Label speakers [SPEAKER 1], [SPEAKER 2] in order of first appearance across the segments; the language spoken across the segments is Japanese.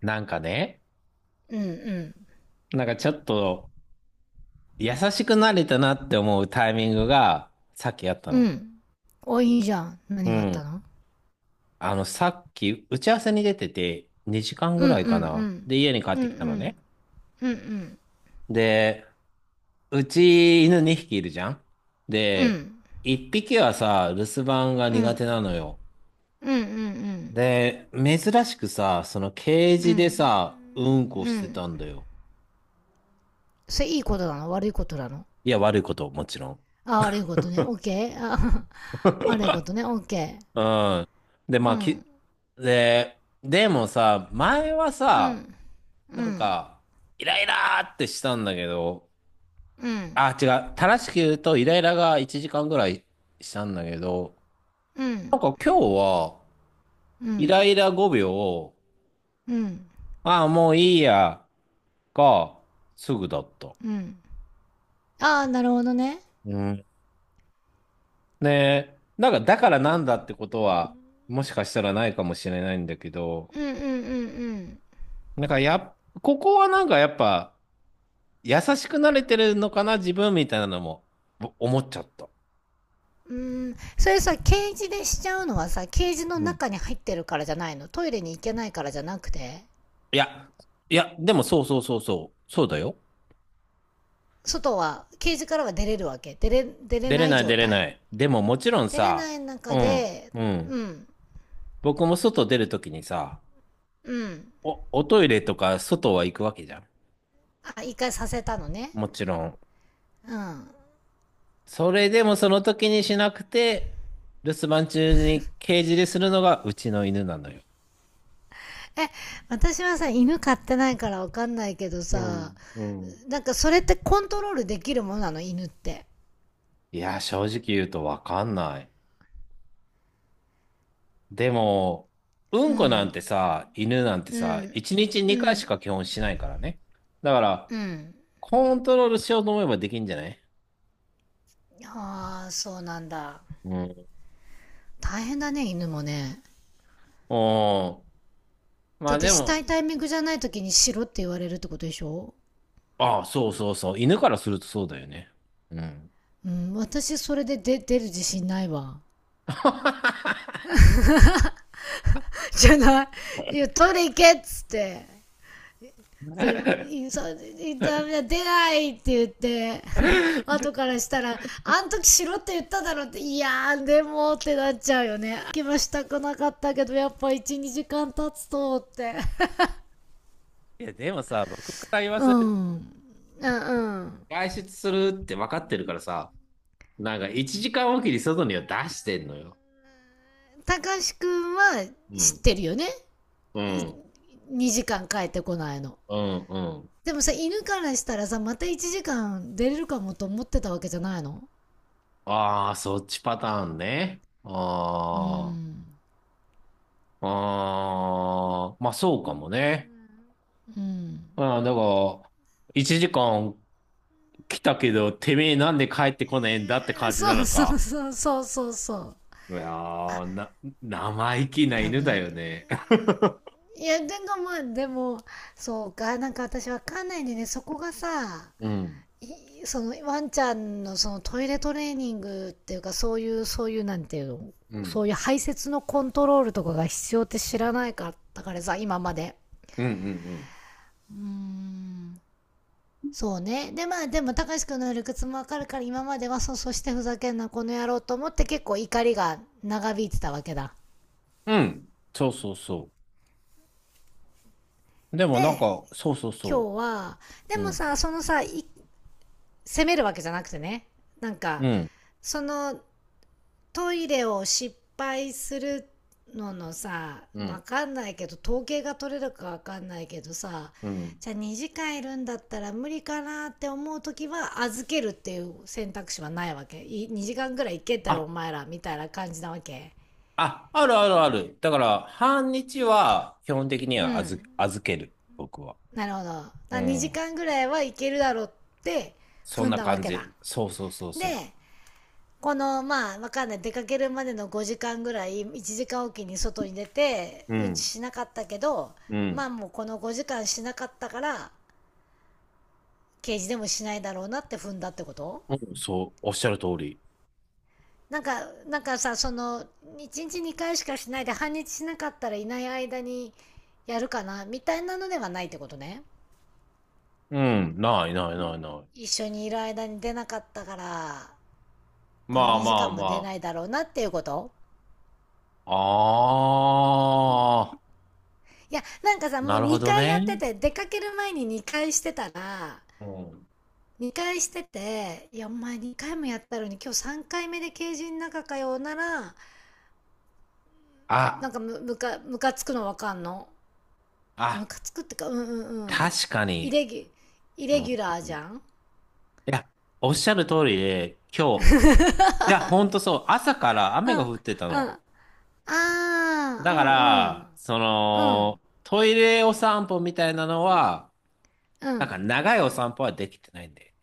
[SPEAKER 1] なんかね、
[SPEAKER 2] うん
[SPEAKER 1] なんかちょっと優しくなれたなって思うタイミングがさっきあった
[SPEAKER 2] うん。う
[SPEAKER 1] の。
[SPEAKER 2] ん。お、いいじゃん。
[SPEAKER 1] う
[SPEAKER 2] 何があった
[SPEAKER 1] ん。
[SPEAKER 2] の？
[SPEAKER 1] さっき打ち合わせに出てて2時間
[SPEAKER 2] う
[SPEAKER 1] ぐ
[SPEAKER 2] んう
[SPEAKER 1] ら
[SPEAKER 2] ん
[SPEAKER 1] いか
[SPEAKER 2] う
[SPEAKER 1] な。
[SPEAKER 2] ん。
[SPEAKER 1] で、家に帰っ
[SPEAKER 2] うんう
[SPEAKER 1] てきたのね。
[SPEAKER 2] ん。うんうん。
[SPEAKER 1] で、うち犬2匹いるじゃん。
[SPEAKER 2] う
[SPEAKER 1] で、
[SPEAKER 2] ん。
[SPEAKER 1] 1匹はさ、留守番が
[SPEAKER 2] う
[SPEAKER 1] 苦手
[SPEAKER 2] ん。
[SPEAKER 1] なのよ。
[SPEAKER 2] うんうんうん。
[SPEAKER 1] で、珍しくさ、そのケー
[SPEAKER 2] う
[SPEAKER 1] ジで
[SPEAKER 2] ん。
[SPEAKER 1] さ、うんこ
[SPEAKER 2] う
[SPEAKER 1] して
[SPEAKER 2] ん。
[SPEAKER 1] たんだよ。
[SPEAKER 2] それいいことなの悪いことなの？
[SPEAKER 1] いや、悪いこと、もちろん。
[SPEAKER 2] あ、悪いことね。オッケー。あ。 悪いこ とね。オッケー。
[SPEAKER 1] うん。で、
[SPEAKER 2] う
[SPEAKER 1] まあ、
[SPEAKER 2] ん。
[SPEAKER 1] でもさ、前は
[SPEAKER 2] う
[SPEAKER 1] さ、
[SPEAKER 2] ん。う
[SPEAKER 1] なん
[SPEAKER 2] ん。
[SPEAKER 1] か、イライラーってしたんだけど、
[SPEAKER 2] うん。
[SPEAKER 1] あ、違う。正しく言うと、イライラが1時間ぐらいしたんだけど、
[SPEAKER 2] う
[SPEAKER 1] なん
[SPEAKER 2] ん。
[SPEAKER 1] か今日は、
[SPEAKER 2] う
[SPEAKER 1] イ
[SPEAKER 2] ん。
[SPEAKER 1] ライラ5秒を、
[SPEAKER 2] うん。
[SPEAKER 1] ああ、もういいや、が、すぐだった。
[SPEAKER 2] うん。ああ、なるほどね。
[SPEAKER 1] うん。ねなんか、だからなんだってことは、もしかしたらないかもしれないんだけど、
[SPEAKER 2] うんうんうんうん。
[SPEAKER 1] なんかやっ、ここはなんかやっぱ、優しくなれてるのかな、自分みたいなのも思っちゃった。
[SPEAKER 2] うーん、それさ、ケージでしちゃうのはさ、ケージの
[SPEAKER 1] うん。
[SPEAKER 2] 中に入ってるからじゃないの。トイレに行けないからじゃなくて、
[SPEAKER 1] いや、でもそうだよ。
[SPEAKER 2] 外は、ケージからは出れるわけ？出れ
[SPEAKER 1] 出れ
[SPEAKER 2] ない
[SPEAKER 1] ない
[SPEAKER 2] 状
[SPEAKER 1] 出れな
[SPEAKER 2] 態。
[SPEAKER 1] い。でももちろん
[SPEAKER 2] 出れな
[SPEAKER 1] さ、
[SPEAKER 2] い中
[SPEAKER 1] うん、
[SPEAKER 2] で、
[SPEAKER 1] う
[SPEAKER 2] う
[SPEAKER 1] ん。
[SPEAKER 2] ん、
[SPEAKER 1] 僕も外出るときにさ、
[SPEAKER 2] うん。
[SPEAKER 1] おトイレとか外は行くわけじゃん。
[SPEAKER 2] あ、一回させたのね。
[SPEAKER 1] もちろん。
[SPEAKER 2] うん。
[SPEAKER 1] それでもその時にしなくて、留守番中にケージでするのがうちの犬なのよ。
[SPEAKER 2] え、私はさ、犬飼ってないからわかんないけど
[SPEAKER 1] う
[SPEAKER 2] さ、
[SPEAKER 1] ん、うん。
[SPEAKER 2] なんかそれってコントロールできるものなの、犬って。
[SPEAKER 1] いや、正直言うとわかんない。でも、う
[SPEAKER 2] う
[SPEAKER 1] んこなん
[SPEAKER 2] ん、
[SPEAKER 1] てさ、犬なんて
[SPEAKER 2] う
[SPEAKER 1] さ、
[SPEAKER 2] ん、
[SPEAKER 1] 1日
[SPEAKER 2] う
[SPEAKER 1] 2回し
[SPEAKER 2] ん、
[SPEAKER 1] か基本しないからね。だから、
[SPEAKER 2] うん。
[SPEAKER 1] コントロールしようと思えばできんじゃない？
[SPEAKER 2] ああ、そうなんだ。
[SPEAKER 1] うん。
[SPEAKER 2] 大変だね、犬もね。
[SPEAKER 1] おー。ま
[SPEAKER 2] だっ
[SPEAKER 1] あ
[SPEAKER 2] て
[SPEAKER 1] で
[SPEAKER 2] したい
[SPEAKER 1] も、
[SPEAKER 2] タイミングじゃない時にしろって言われるってことでしょ？
[SPEAKER 1] ああ、そうそうそう。犬からするとそうだよね。うん。
[SPEAKER 2] うん、私それで出る自信ないわ。じゃない。いや、取り行けっつって。で、インサイン出ないって言って、後からしたら、あん時しろって言っただろって、いやー、でもってなっちゃうよね。気はしたくなかったけど、やっぱ1、2時間経つとって。
[SPEAKER 1] いや、でもさ、僕から言 わ
[SPEAKER 2] う
[SPEAKER 1] せる
[SPEAKER 2] ん。う
[SPEAKER 1] と、
[SPEAKER 2] んうん。
[SPEAKER 1] 外出するって分かってるからさ、なんか1時間おきに外には出してんのよ。
[SPEAKER 2] たかしくんは
[SPEAKER 1] う
[SPEAKER 2] 知っ
[SPEAKER 1] ん。
[SPEAKER 2] てるよね。
[SPEAKER 1] う
[SPEAKER 2] い
[SPEAKER 1] ん。
[SPEAKER 2] 2時間帰ってこないの。
[SPEAKER 1] うん。うん。
[SPEAKER 2] でもさ、犬からしたらさ、また1時間出れるかもと思ってたわけじゃないの？
[SPEAKER 1] ああ、そっちパターンね。
[SPEAKER 2] うん
[SPEAKER 1] ああ、まあそうかもね。
[SPEAKER 2] うん、
[SPEAKER 1] ああ、だから、1時間来たけど、てめえなんで帰ってこないんだって感じな
[SPEAKER 2] そう
[SPEAKER 1] の
[SPEAKER 2] そう
[SPEAKER 1] か。
[SPEAKER 2] そうそうそうそう。
[SPEAKER 1] いやー、生意気な
[SPEAKER 2] 多
[SPEAKER 1] 犬だ
[SPEAKER 2] 分、
[SPEAKER 1] よね。
[SPEAKER 2] いやでもまあでも、そうか、なんか私わかんないんでね、そこがさ、
[SPEAKER 1] うん、
[SPEAKER 2] そのワンちゃんのそのトイレトレーニングっていうか、そういうなんていうの、
[SPEAKER 1] う
[SPEAKER 2] そ
[SPEAKER 1] ん、
[SPEAKER 2] ういう排泄のコントロールとかが必要って知らないかったからさ、今まで。
[SPEAKER 1] うん、うん、うん。
[SPEAKER 2] うーん、そうね。で、まあ、でも、たかしくんの理屈もわかるから、今までは、そう、そしてふざけんな、この野郎と思って、結構怒りが長引いてたわけだ。
[SPEAKER 1] うんそうそうそう。でもなん
[SPEAKER 2] で、
[SPEAKER 1] か、そうそうそ
[SPEAKER 2] 今日は、で
[SPEAKER 1] う。う
[SPEAKER 2] も
[SPEAKER 1] ん、
[SPEAKER 2] さ、そのさ、責めるわけじゃなくてね、なん
[SPEAKER 1] う
[SPEAKER 2] か、
[SPEAKER 1] ん、
[SPEAKER 2] その、トイレを失敗するのの、さ、
[SPEAKER 1] うん、
[SPEAKER 2] わかんないけど統計が取れるかわかんないけどさ、
[SPEAKER 1] うん。
[SPEAKER 2] じゃあ2時間いるんだったら無理かなって思う時は預けるっていう選択肢はないわけ？2時間ぐらい行けたらお
[SPEAKER 1] あ
[SPEAKER 2] 前らみたいな感じなわけ？
[SPEAKER 1] あ、あるあるある。だから、半日は基本的に
[SPEAKER 2] う
[SPEAKER 1] は
[SPEAKER 2] ん、
[SPEAKER 1] 預ける、僕は。
[SPEAKER 2] なるほど。
[SPEAKER 1] う
[SPEAKER 2] 2
[SPEAKER 1] ん。
[SPEAKER 2] 時間ぐらいはいけるだろうって
[SPEAKER 1] そん
[SPEAKER 2] 踏ん
[SPEAKER 1] な
[SPEAKER 2] だわ
[SPEAKER 1] 感
[SPEAKER 2] けだ。
[SPEAKER 1] じ。そうそうそうそ
[SPEAKER 2] で、このまあわかんない、出かけるまでの5時間ぐらい1時間おきに外に出て
[SPEAKER 1] う。う
[SPEAKER 2] うんち
[SPEAKER 1] ん。
[SPEAKER 2] しなかったけど、
[SPEAKER 1] う
[SPEAKER 2] まあ
[SPEAKER 1] ん。
[SPEAKER 2] もうこの5時間しなかったから、刑事でもしないだろうなって踏んだってこと？
[SPEAKER 1] うんそう、おっしゃる通り。
[SPEAKER 2] なんか、なんかさ、その1日2回しかしないで半日しなかったら、いない間にやるかなみたいなのではないってことね。
[SPEAKER 1] うん。ない。
[SPEAKER 2] 一緒にいる間に出なかったから、こ
[SPEAKER 1] ま
[SPEAKER 2] の
[SPEAKER 1] あ
[SPEAKER 2] 2
[SPEAKER 1] ま
[SPEAKER 2] 時
[SPEAKER 1] あ
[SPEAKER 2] 間も出
[SPEAKER 1] ま
[SPEAKER 2] ないだろうなっていうこと。
[SPEAKER 1] あ。ああ、
[SPEAKER 2] いやなんかさ、も
[SPEAKER 1] な
[SPEAKER 2] う
[SPEAKER 1] るほど
[SPEAKER 2] 2回や
[SPEAKER 1] ね。
[SPEAKER 2] ってて、出かける前に2回してたら、
[SPEAKER 1] うん。
[SPEAKER 2] 2回してて、いや、お前2回もやったのに今日3回目でケージの中かよなら、な
[SPEAKER 1] あ、
[SPEAKER 2] んかむかつくのわかんの。む
[SPEAKER 1] あ、
[SPEAKER 2] かつくってか、うんうんうん。
[SPEAKER 1] 確か
[SPEAKER 2] イ
[SPEAKER 1] に。
[SPEAKER 2] レギュ、イ
[SPEAKER 1] う
[SPEAKER 2] レ
[SPEAKER 1] ん。
[SPEAKER 2] ギュラー
[SPEAKER 1] う
[SPEAKER 2] じ
[SPEAKER 1] ん。
[SPEAKER 2] ゃん。
[SPEAKER 1] いや、おっしゃる通りで、今日、いや、ほんとそう、朝から
[SPEAKER 2] う
[SPEAKER 1] 雨
[SPEAKER 2] ん、
[SPEAKER 1] が
[SPEAKER 2] うん。
[SPEAKER 1] 降ってたの。
[SPEAKER 2] ああ、
[SPEAKER 1] だ
[SPEAKER 2] う
[SPEAKER 1] か
[SPEAKER 2] んう
[SPEAKER 1] ら、
[SPEAKER 2] ん。
[SPEAKER 1] そ
[SPEAKER 2] う
[SPEAKER 1] の、
[SPEAKER 2] ん、
[SPEAKER 1] トイレお散歩みたいなのは、
[SPEAKER 2] う
[SPEAKER 1] なんか
[SPEAKER 2] ん。
[SPEAKER 1] 長いお散歩はできてないんで。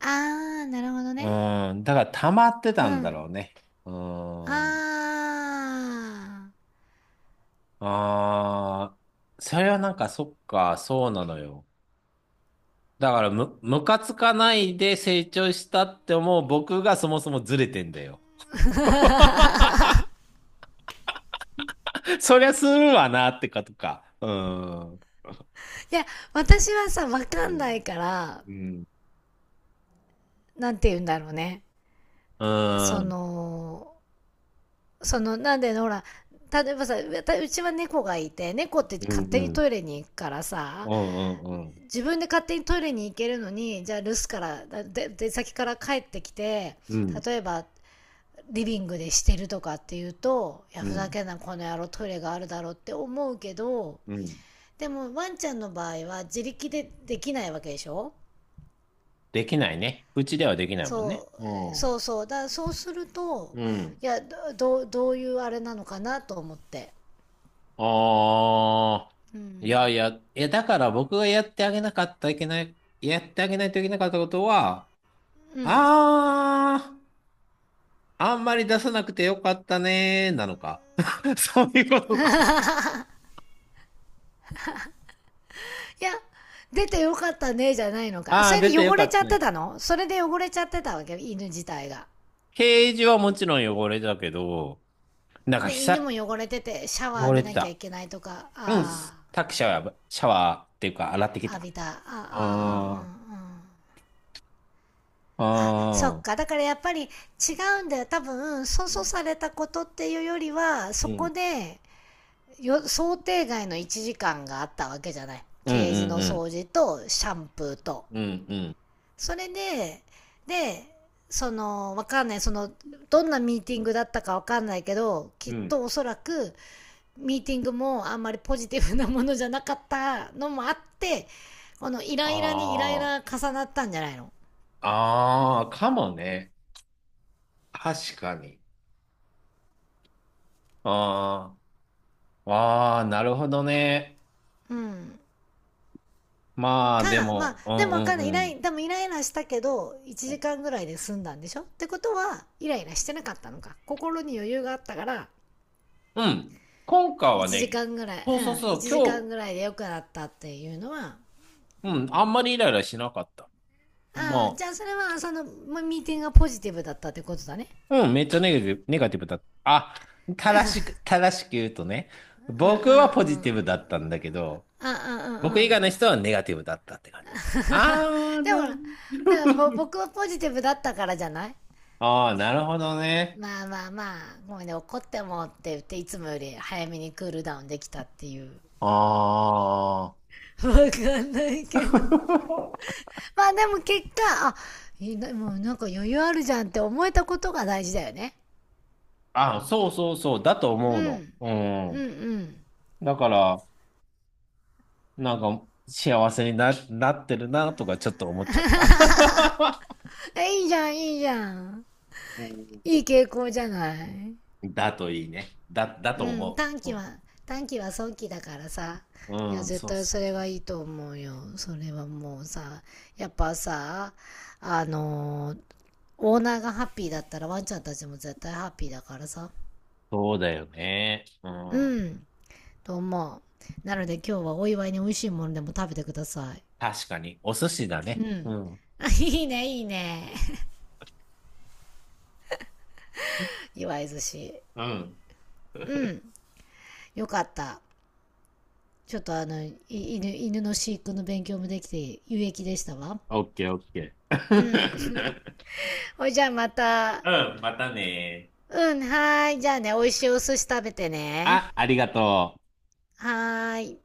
[SPEAKER 2] ああ、なるほど
[SPEAKER 1] う
[SPEAKER 2] ね。
[SPEAKER 1] ーん、だから溜まってた
[SPEAKER 2] う
[SPEAKER 1] んだろ
[SPEAKER 2] ん。
[SPEAKER 1] うね。う
[SPEAKER 2] あ
[SPEAKER 1] ーん。
[SPEAKER 2] あ。
[SPEAKER 1] あー、それはなんかそっか、そうなのよ。だからムカつかないで成長したって思う僕がそもそもずれてんだよ。そりゃするわなってかとか。うーん。
[SPEAKER 2] いや、私はさ、わ
[SPEAKER 1] う
[SPEAKER 2] かんな
[SPEAKER 1] ん。
[SPEAKER 2] いから、
[SPEAKER 1] うん。
[SPEAKER 2] なんて言うんだろうね。
[SPEAKER 1] う
[SPEAKER 2] そ
[SPEAKER 1] ん。
[SPEAKER 2] の、そのなんでほら、例えばさ、う、うちは猫がいて、猫って
[SPEAKER 1] う
[SPEAKER 2] 勝手に
[SPEAKER 1] ん。
[SPEAKER 2] トイレに行くからさ、
[SPEAKER 1] うん。うん。うん。うん。
[SPEAKER 2] 自分で勝手にトイレに行けるのに、じゃあ留守から、出先から帰ってきて、
[SPEAKER 1] うん。
[SPEAKER 2] 例えばリビングでしてるとかっていうと、いや
[SPEAKER 1] う
[SPEAKER 2] ふざ
[SPEAKER 1] ん。
[SPEAKER 2] けんなこの野郎、トイレがあるだろうって思うけど、
[SPEAKER 1] うん。
[SPEAKER 2] でもワンちゃんの場合は自力でできないわけでしょ。
[SPEAKER 1] できないね。うちではできないもんね。
[SPEAKER 2] そ
[SPEAKER 1] う
[SPEAKER 2] う
[SPEAKER 1] ん。
[SPEAKER 2] そうそう、だからそうすると、
[SPEAKER 1] うん。
[SPEAKER 2] いや、どういうあれなのかなと思って。
[SPEAKER 1] ああ。
[SPEAKER 2] うん、
[SPEAKER 1] いや、だから僕がやってあげなかったいけない、やってあげないといけなかったことは、
[SPEAKER 2] うん。
[SPEAKER 1] ああんまり出さなくてよかったねー、なのか。そういうことか。
[SPEAKER 2] いや、出てよかったね、じゃないのか。
[SPEAKER 1] あ
[SPEAKER 2] そ
[SPEAKER 1] あ、
[SPEAKER 2] れ
[SPEAKER 1] 出
[SPEAKER 2] で
[SPEAKER 1] てよ
[SPEAKER 2] 汚
[SPEAKER 1] か
[SPEAKER 2] れち
[SPEAKER 1] っ
[SPEAKER 2] ゃ
[SPEAKER 1] た
[SPEAKER 2] って
[SPEAKER 1] ね。
[SPEAKER 2] たの？それで汚れちゃってたわけ、犬自体が。
[SPEAKER 1] ケージはもちろん汚れてたけど、なんか
[SPEAKER 2] で、犬
[SPEAKER 1] 久、
[SPEAKER 2] も汚れてて、シャワー
[SPEAKER 1] 汚
[SPEAKER 2] 浴び
[SPEAKER 1] れて
[SPEAKER 2] なきゃい
[SPEAKER 1] た。
[SPEAKER 2] けないとか。
[SPEAKER 1] うん、
[SPEAKER 2] あ
[SPEAKER 1] タクシャは、シャワーっていうか洗ってき
[SPEAKER 2] あ、浴
[SPEAKER 1] た。
[SPEAKER 2] びた。あ、うんうんうん
[SPEAKER 1] あ
[SPEAKER 2] うん。
[SPEAKER 1] あ、
[SPEAKER 2] あ、そ
[SPEAKER 1] あ
[SPEAKER 2] っか。
[SPEAKER 1] あ。
[SPEAKER 2] だからやっぱり違うんだよ。多分、粗相されたことっていうよりは、そ
[SPEAKER 1] う
[SPEAKER 2] こ
[SPEAKER 1] ん。
[SPEAKER 2] で、想定外の1時間があったわけじゃない。
[SPEAKER 1] うん
[SPEAKER 2] ケージ
[SPEAKER 1] うん
[SPEAKER 2] の
[SPEAKER 1] うん。
[SPEAKER 2] 掃除と、シャンプーと、
[SPEAKER 1] うんうん。
[SPEAKER 2] それで、で、その、わかんない、その、どんなミーティングだったかわかんないけど、き
[SPEAKER 1] う
[SPEAKER 2] っ
[SPEAKER 1] ん。
[SPEAKER 2] とおそらく、ミーティングもあんまりポジティブなものじゃなかったのもあって、このイライラにイライ
[SPEAKER 1] あ
[SPEAKER 2] ラ重なったんじゃないの？
[SPEAKER 1] あ。ああ、かもね。確かに。ああ。ああ、なるほどね。
[SPEAKER 2] うん。
[SPEAKER 1] まあ、で
[SPEAKER 2] か、まあ、
[SPEAKER 1] も、う
[SPEAKER 2] で
[SPEAKER 1] ん
[SPEAKER 2] も
[SPEAKER 1] う
[SPEAKER 2] わか
[SPEAKER 1] ん
[SPEAKER 2] んない。イ
[SPEAKER 1] う
[SPEAKER 2] ラ
[SPEAKER 1] ん。
[SPEAKER 2] イ、でもイライラしたけど、1時間ぐらいで済んだんでしょってことは、イライラしてなかったのか。心に余裕があったから、
[SPEAKER 1] うん。今回は
[SPEAKER 2] 1
[SPEAKER 1] ね、
[SPEAKER 2] 時間ぐらい、
[SPEAKER 1] そうそう
[SPEAKER 2] うん、
[SPEAKER 1] そう、
[SPEAKER 2] 1時間
[SPEAKER 1] 今
[SPEAKER 2] ぐらいで良くなったっていうのは、
[SPEAKER 1] 日、うん、あんまりイライラしなかった。
[SPEAKER 2] ああ、
[SPEAKER 1] ま
[SPEAKER 2] じ
[SPEAKER 1] あ、
[SPEAKER 2] ゃあそれはそのミーティングがポジティブだったってことだね。
[SPEAKER 1] うん、めっちゃネガティブ、ネガティブだった。あ、正しく言うとね、
[SPEAKER 2] うんうん
[SPEAKER 1] 僕は
[SPEAKER 2] う
[SPEAKER 1] ポジテ
[SPEAKER 2] ん。
[SPEAKER 1] ィブだったんだけど、
[SPEAKER 2] ああ、うんう
[SPEAKER 1] 僕
[SPEAKER 2] んう
[SPEAKER 1] 以外の
[SPEAKER 2] ん。
[SPEAKER 1] 人はネガティブだったって感じです。ああ、
[SPEAKER 2] でも
[SPEAKER 1] な
[SPEAKER 2] ほ
[SPEAKER 1] るほ
[SPEAKER 2] ら、
[SPEAKER 1] ど。
[SPEAKER 2] なんか僕はポジティブだったからじゃない？
[SPEAKER 1] ああ、なるほどね。
[SPEAKER 2] まあまあまあ、ごめんね、怒ってもって言って、いつもより早めにクールダウンできたっていう。
[SPEAKER 1] ああ。
[SPEAKER 2] わかんないけど。まあでも結果、あ、いいな、もうなんか余裕あるじゃんって思えたことが大事だよね。
[SPEAKER 1] あ、そうそうそう、だと
[SPEAKER 2] う
[SPEAKER 1] 思うの。
[SPEAKER 2] ん。
[SPEAKER 1] う
[SPEAKER 2] うん
[SPEAKER 1] ん。
[SPEAKER 2] うん。
[SPEAKER 1] だから、なんか、幸せにな、なってるなとかちょっと思っちゃった。
[SPEAKER 2] え、いいじゃん、いいじゃん。
[SPEAKER 1] うん。
[SPEAKER 2] いい傾向じゃない？
[SPEAKER 1] だといいね。だ
[SPEAKER 2] う
[SPEAKER 1] と
[SPEAKER 2] ん、
[SPEAKER 1] 思
[SPEAKER 2] 短期
[SPEAKER 1] う。
[SPEAKER 2] は、短期は早期だからさ。
[SPEAKER 1] う
[SPEAKER 2] い
[SPEAKER 1] ん、
[SPEAKER 2] や、
[SPEAKER 1] うん、
[SPEAKER 2] 絶
[SPEAKER 1] そう
[SPEAKER 2] 対
[SPEAKER 1] そ
[SPEAKER 2] そ
[SPEAKER 1] う
[SPEAKER 2] れ
[SPEAKER 1] そう。
[SPEAKER 2] がいいと思うよ。それはもうさ、やっぱさ、あのーオーナーがハッピーだったらワンちゃんたちも絶対ハッピーだからさ。
[SPEAKER 1] そうだよね。うん。
[SPEAKER 2] うん、と思う。なので今日はお祝いに美味しいものでも食べてください。
[SPEAKER 1] 確かに。お寿司だ
[SPEAKER 2] う
[SPEAKER 1] ね。う
[SPEAKER 2] ん。
[SPEAKER 1] ん。
[SPEAKER 2] あ、いいね、いいね。祝い寿司。
[SPEAKER 1] うん。
[SPEAKER 2] うん。よかった。ちょっと犬の飼育の勉強もできて有益でしたわ。
[SPEAKER 1] オッケーオッケ
[SPEAKER 2] うん。
[SPEAKER 1] ー。
[SPEAKER 2] ほいじゃあま た。
[SPEAKER 1] うん、またね。
[SPEAKER 2] うん、はーい。じゃあね、美味しいお寿司食べてね。
[SPEAKER 1] ありがとう。
[SPEAKER 2] はーい。